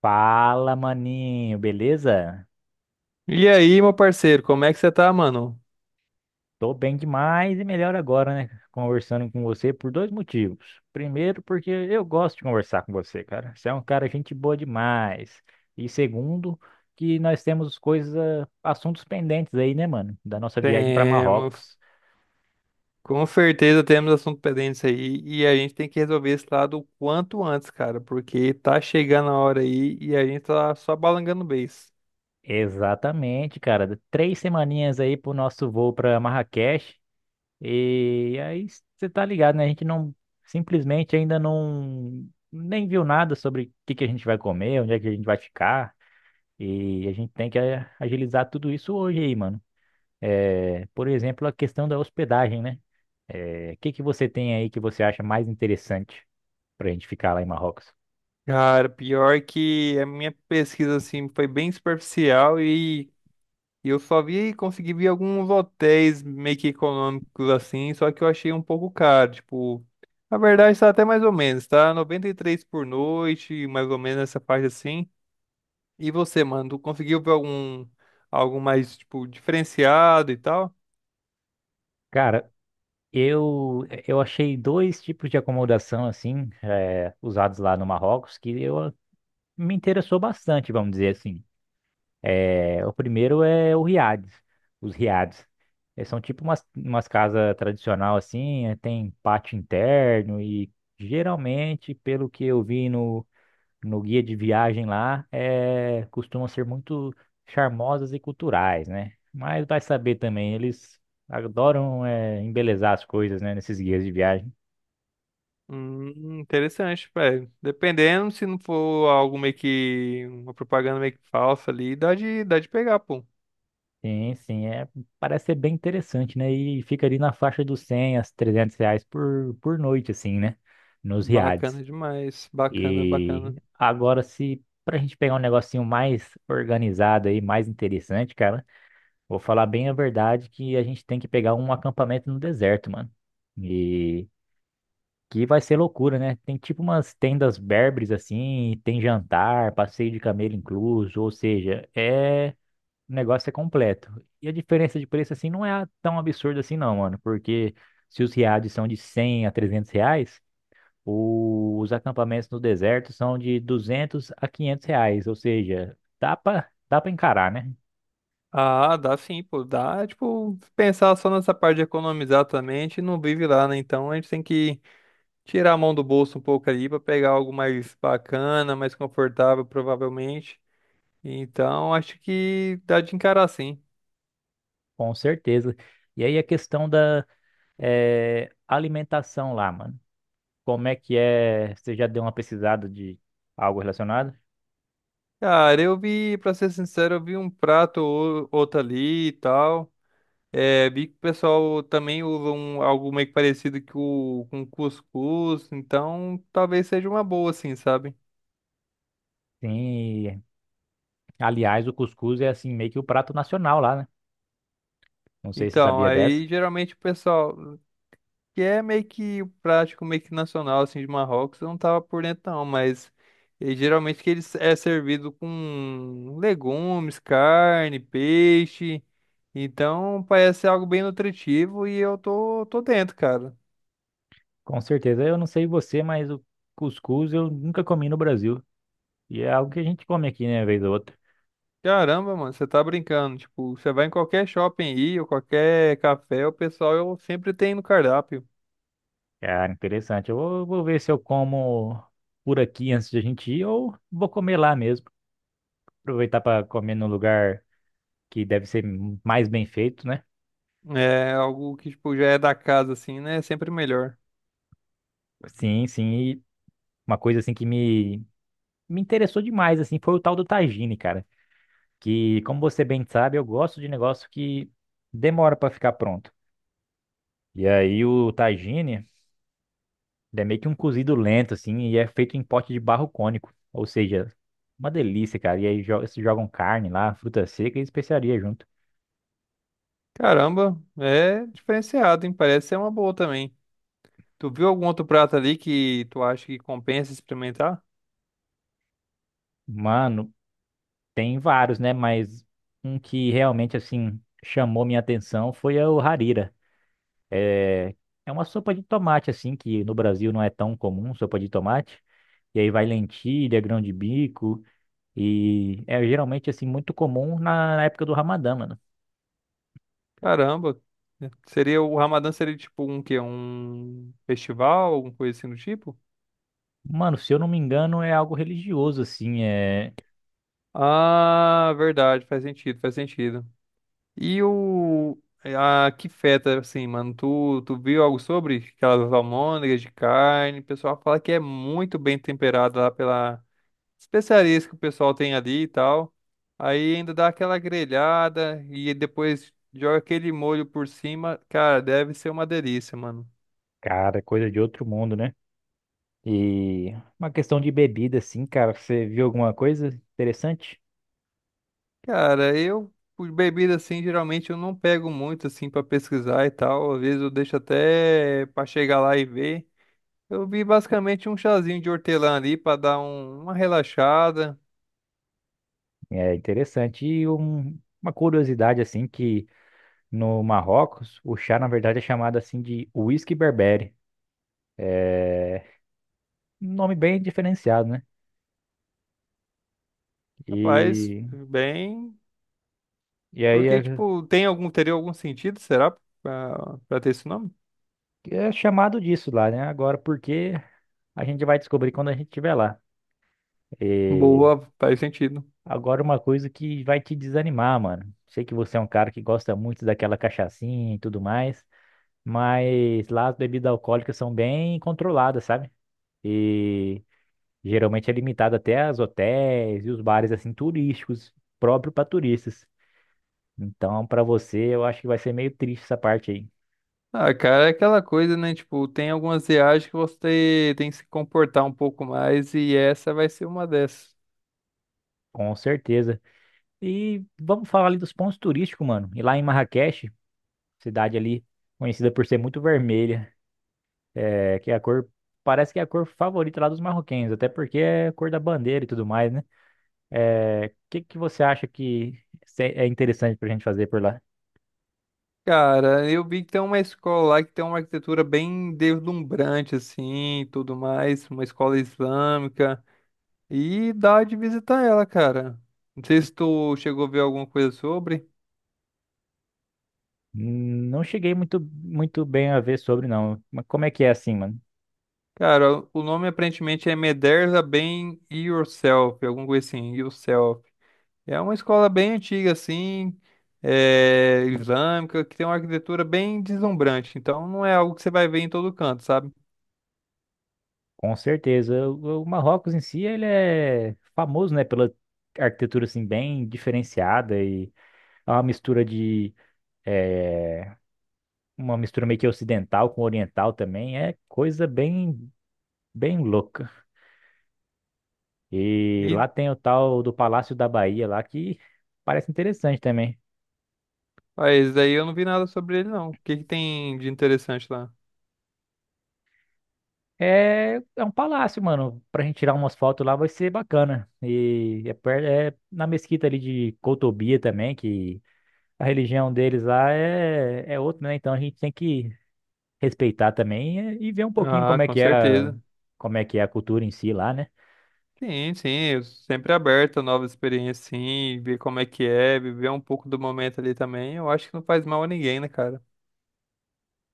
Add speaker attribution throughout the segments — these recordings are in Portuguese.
Speaker 1: Fala, maninho, beleza?
Speaker 2: E aí, meu parceiro, como é que você tá, mano?
Speaker 1: Tô bem demais e melhor agora, né? Conversando com você por dois motivos. Primeiro, porque eu gosto de conversar com você, cara. Você é um cara gente boa demais. E segundo, que nós temos coisas, ah, assuntos pendentes aí, né, mano? Da nossa viagem para
Speaker 2: Temos,
Speaker 1: Marrocos.
Speaker 2: com certeza temos assunto pendente aí e a gente tem que resolver esse lado o quanto antes, cara, porque tá chegando a hora aí e a gente tá só balangando o beiço.
Speaker 1: Exatamente, cara. Três semaninhas aí pro nosso voo para Marrakech. E aí você tá ligado, né? A gente não simplesmente ainda não nem viu nada sobre o que que a gente vai comer, onde é que a gente vai ficar. E a gente tem que agilizar tudo isso hoje aí, mano. É, por exemplo, a questão da hospedagem, né? É, o que que você tem aí que você acha mais interessante pra gente ficar lá em Marrocos?
Speaker 2: Cara, pior que a minha pesquisa, assim, foi bem superficial e eu só consegui ver alguns hotéis meio que econômicos, assim, só que eu achei um pouco caro, tipo... Na verdade, tá até mais ou menos, tá? 93 por noite, mais ou menos nessa parte assim. E você, mano, tu conseguiu ver algum algo mais tipo diferenciado e tal?
Speaker 1: Cara, eu achei dois tipos de acomodação assim, usados lá no Marrocos que eu me interessou bastante, vamos dizer assim. É, o primeiro é o riades, os riades. É, são tipo umas casas tradicional assim, é, tem pátio interno e geralmente, pelo que eu vi no guia de viagem lá, é, costumam ser muito charmosas e culturais, né? Mas vai saber também, eles adoram é, embelezar as coisas, né, nesses guias de viagem.
Speaker 2: Interessante, velho. Dependendo se não for algo meio que uma propaganda meio que falsa ali, dá de pegar, pô.
Speaker 1: Sim, sim, é, parece ser bem interessante, né? E fica ali na faixa dos R$ 100 a R$ 300 por noite, assim, né? Nos riades.
Speaker 2: Bacana demais, bacana,
Speaker 1: E
Speaker 2: bacana.
Speaker 1: agora, se pra gente pegar um negocinho mais organizado aí, mais interessante, cara, vou falar bem a verdade que a gente tem que pegar um acampamento no deserto, mano. E que vai ser loucura, né? Tem tipo umas tendas berbers, assim, tem jantar, passeio de camelo incluso, ou seja, é o negócio é completo. E a diferença de preço, assim, não é tão absurda assim, não, mano. Porque se os riades são de R$ 100 a R$ 300, os acampamentos no deserto são de R$ 200 a R$ 500. Ou seja, dá pra encarar, né?
Speaker 2: Ah, dá sim, pô, dá, tipo, pensar só nessa parte de economizar também, a gente não vive lá, né? Então a gente tem que tirar a mão do bolso um pouco ali pra pegar algo mais bacana, mais confortável, provavelmente. Então, acho que dá de encarar sim.
Speaker 1: Com certeza. E aí a questão da alimentação lá, mano. Como é que é? Você já deu uma pesquisada de algo relacionado?
Speaker 2: Cara, eu vi, pra ser sincero, eu vi um prato ou outro ali e tal. É, vi que o pessoal também usa algo meio que parecido com cuscuz, então talvez seja uma boa, assim, sabe?
Speaker 1: Sim. Aliás, o cuscuz é, assim, meio que o prato nacional lá, né? Não sei se você
Speaker 2: Então,
Speaker 1: sabia dessa.
Speaker 2: aí geralmente o pessoal. Que é meio que prático, meio que nacional, assim, de Marrocos, eu não tava por dentro não, mas geralmente que ele é servido com legumes, carne, peixe, então parece ser algo bem nutritivo e eu tô dentro, cara.
Speaker 1: Com certeza. Eu não sei você, mas o cuscuz eu nunca comi no Brasil. E é algo que a gente come aqui, né, vez ou outra.
Speaker 2: Caramba, mano, você tá brincando, tipo, você vai em qualquer shopping aí, ou qualquer café, o pessoal eu sempre tem no cardápio.
Speaker 1: Cara, interessante. Vou ver se eu como por aqui antes de a gente ir ou vou comer lá mesmo. Aproveitar para comer num lugar que deve ser mais bem feito, né?
Speaker 2: É algo que, tipo, já é da casa, assim, né? É sempre melhor.
Speaker 1: Sim, sim. E uma coisa assim me interessou demais, assim, foi o tal do tagine, cara. Que, como você bem sabe, eu gosto de negócio que demora para ficar pronto. E aí o tagine. Ele é meio que um cozido lento, assim, e é feito em pote de barro cônico. Ou seja, uma delícia, cara. E aí se jogam carne lá, fruta seca e especiaria junto.
Speaker 2: Caramba, é diferenciado, hein? Parece ser uma boa também. Tu viu algum outro prato ali que tu acha que compensa experimentar?
Speaker 1: Mano, tem vários, né? Mas um que realmente, assim, chamou minha atenção foi o harira. É é uma sopa de tomate, assim, que no Brasil não é tão comum, sopa de tomate. E aí vai lentilha, grão de bico. E é geralmente, assim, muito comum na época do Ramadã, mano.
Speaker 2: Caramba. Né? Seria o Ramadã seria tipo um quê? Um festival, alguma coisa assim do tipo?
Speaker 1: Mano, se eu não me engano, é algo religioso, assim. É.
Speaker 2: Ah, verdade, faz sentido, faz sentido. E o. A que feta, assim, mano, tu viu algo sobre aquelas almôndegas de carne? O pessoal fala que é muito bem temperado lá pela especiarias que o pessoal tem ali e tal. Aí ainda dá aquela grelhada e depois joga aquele molho por cima. Cara, deve ser uma delícia, mano.
Speaker 1: Cara, é coisa de outro mundo, né? E uma questão de bebida, assim, cara, você viu alguma coisa interessante?
Speaker 2: Cara, eu, por bebida assim, geralmente eu não pego muito assim pra pesquisar e tal. Às vezes eu deixo até pra chegar lá e ver. Eu vi basicamente um chazinho de hortelã ali pra dar uma relaxada.
Speaker 1: É interessante. E uma curiosidade, assim, que no Marrocos, o chá, na verdade, é chamado, assim, de whisky berbere. É um nome bem diferenciado, né?
Speaker 2: Rapaz,
Speaker 1: E,
Speaker 2: bem.
Speaker 1: e aí
Speaker 2: Porque,
Speaker 1: é,
Speaker 2: tipo, tem algum, teria algum sentido, será? Pra ter esse nome?
Speaker 1: é chamado disso lá, né? Agora, por quê? A gente vai descobrir quando a gente estiver lá.
Speaker 2: Boa, faz sentido.
Speaker 1: Agora uma coisa que vai te desanimar, mano. Sei que você é um cara que gosta muito daquela cachaçinha e tudo mais, mas lá as bebidas alcoólicas são bem controladas, sabe? E geralmente é limitado até aos hotéis e os bares assim turísticos, próprio para turistas. Então, para você, eu acho que vai ser meio triste essa parte aí,
Speaker 2: Ah, cara, é aquela coisa, né? Tipo, tem algumas viagens que você tem que se comportar um pouco mais e essa vai ser uma dessas.
Speaker 1: com certeza. E vamos falar ali dos pontos turísticos, mano. E lá em Marrakech, cidade ali conhecida por ser muito vermelha. É, que é a cor, parece que é a cor favorita lá dos marroquinos, até porque é a cor da bandeira e tudo mais, né? É, o que que você acha que é interessante pra gente fazer por lá?
Speaker 2: Cara, eu vi que tem uma escola lá que tem uma arquitetura bem deslumbrante, assim, e tudo mais, uma escola islâmica. E dá de visitar ela, cara. Não sei se tu chegou a ver alguma coisa sobre.
Speaker 1: Não cheguei muito bem a ver sobre, não. Mas como é que é assim, mano?
Speaker 2: Cara, o nome aparentemente é Mederza Bem Yourself, alguma coisa assim, Yourself. É uma escola bem antiga, assim, é, islâmica, que tem uma arquitetura bem deslumbrante. Então não é algo que você vai ver em todo canto, sabe?
Speaker 1: Com certeza. O Marrocos em si, ele é famoso, né, pela arquitetura, assim, bem diferenciada e é uma mistura de... é, uma mistura meio que ocidental com oriental também. É coisa bem, bem louca. E
Speaker 2: E
Speaker 1: lá tem o tal do Palácio da Bahia lá que parece interessante também.
Speaker 2: mas daí eu não vi nada sobre ele, não. O que que tem de interessante lá?
Speaker 1: É, é um palácio, mano. Pra gente tirar umas fotos lá vai ser bacana. E é, é na mesquita ali de Cotobia também, que a religião deles lá é, é outra, né? Então a gente tem que respeitar também e ver um pouquinho
Speaker 2: Ah,
Speaker 1: como é
Speaker 2: com
Speaker 1: que é
Speaker 2: certeza.
Speaker 1: como é que é a cultura em si lá, né?
Speaker 2: Sim, sim, eu sempre aberto a novas experiências, sim, ver como é que é, viver um pouco do momento ali também. Eu acho que não faz mal a ninguém, né, cara?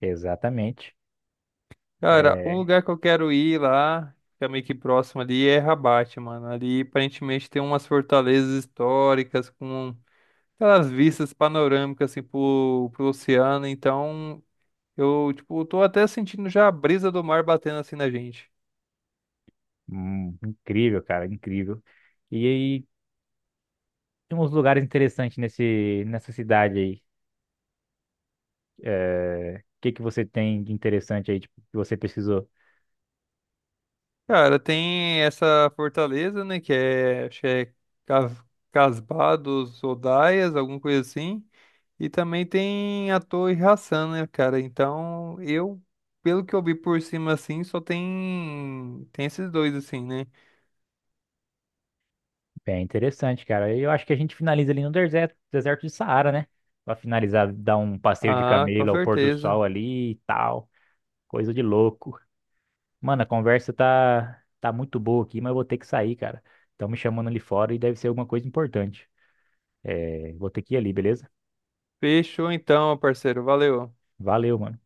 Speaker 1: Exatamente.
Speaker 2: Cara, um
Speaker 1: É
Speaker 2: lugar que eu quero ir lá, que é meio que próximo ali, é Rabat, mano. Ali aparentemente tem umas fortalezas históricas com aquelas vistas panorâmicas assim pro oceano. Então, eu, tipo, tô até sentindo já a brisa do mar batendo assim na gente.
Speaker 1: incrível, cara, incrível. E aí tem uns lugares interessantes nessa cidade aí. É, O que que você tem de interessante aí, tipo, que você pesquisou?
Speaker 2: Cara, tem essa fortaleza, né? Que é, acho que é Cas- Casbah dos Odaias, alguma coisa assim. E também tem a Torre Hassan, né, cara? Então, eu, pelo que eu vi por cima, assim, só tem esses dois, assim, né?
Speaker 1: Bem interessante, cara. Eu acho que a gente finaliza ali no deserto, deserto de Saara, né? Pra finalizar, dar um passeio de
Speaker 2: Ah, com
Speaker 1: camelo ao pôr do
Speaker 2: certeza.
Speaker 1: sol ali e tal. Coisa de louco. Mano, a conversa tá muito boa aqui, mas eu vou ter que sair, cara. Estão me chamando ali fora e deve ser alguma coisa importante. É, vou ter que ir ali, beleza?
Speaker 2: Fechou então, parceiro. Valeu.
Speaker 1: Valeu, mano.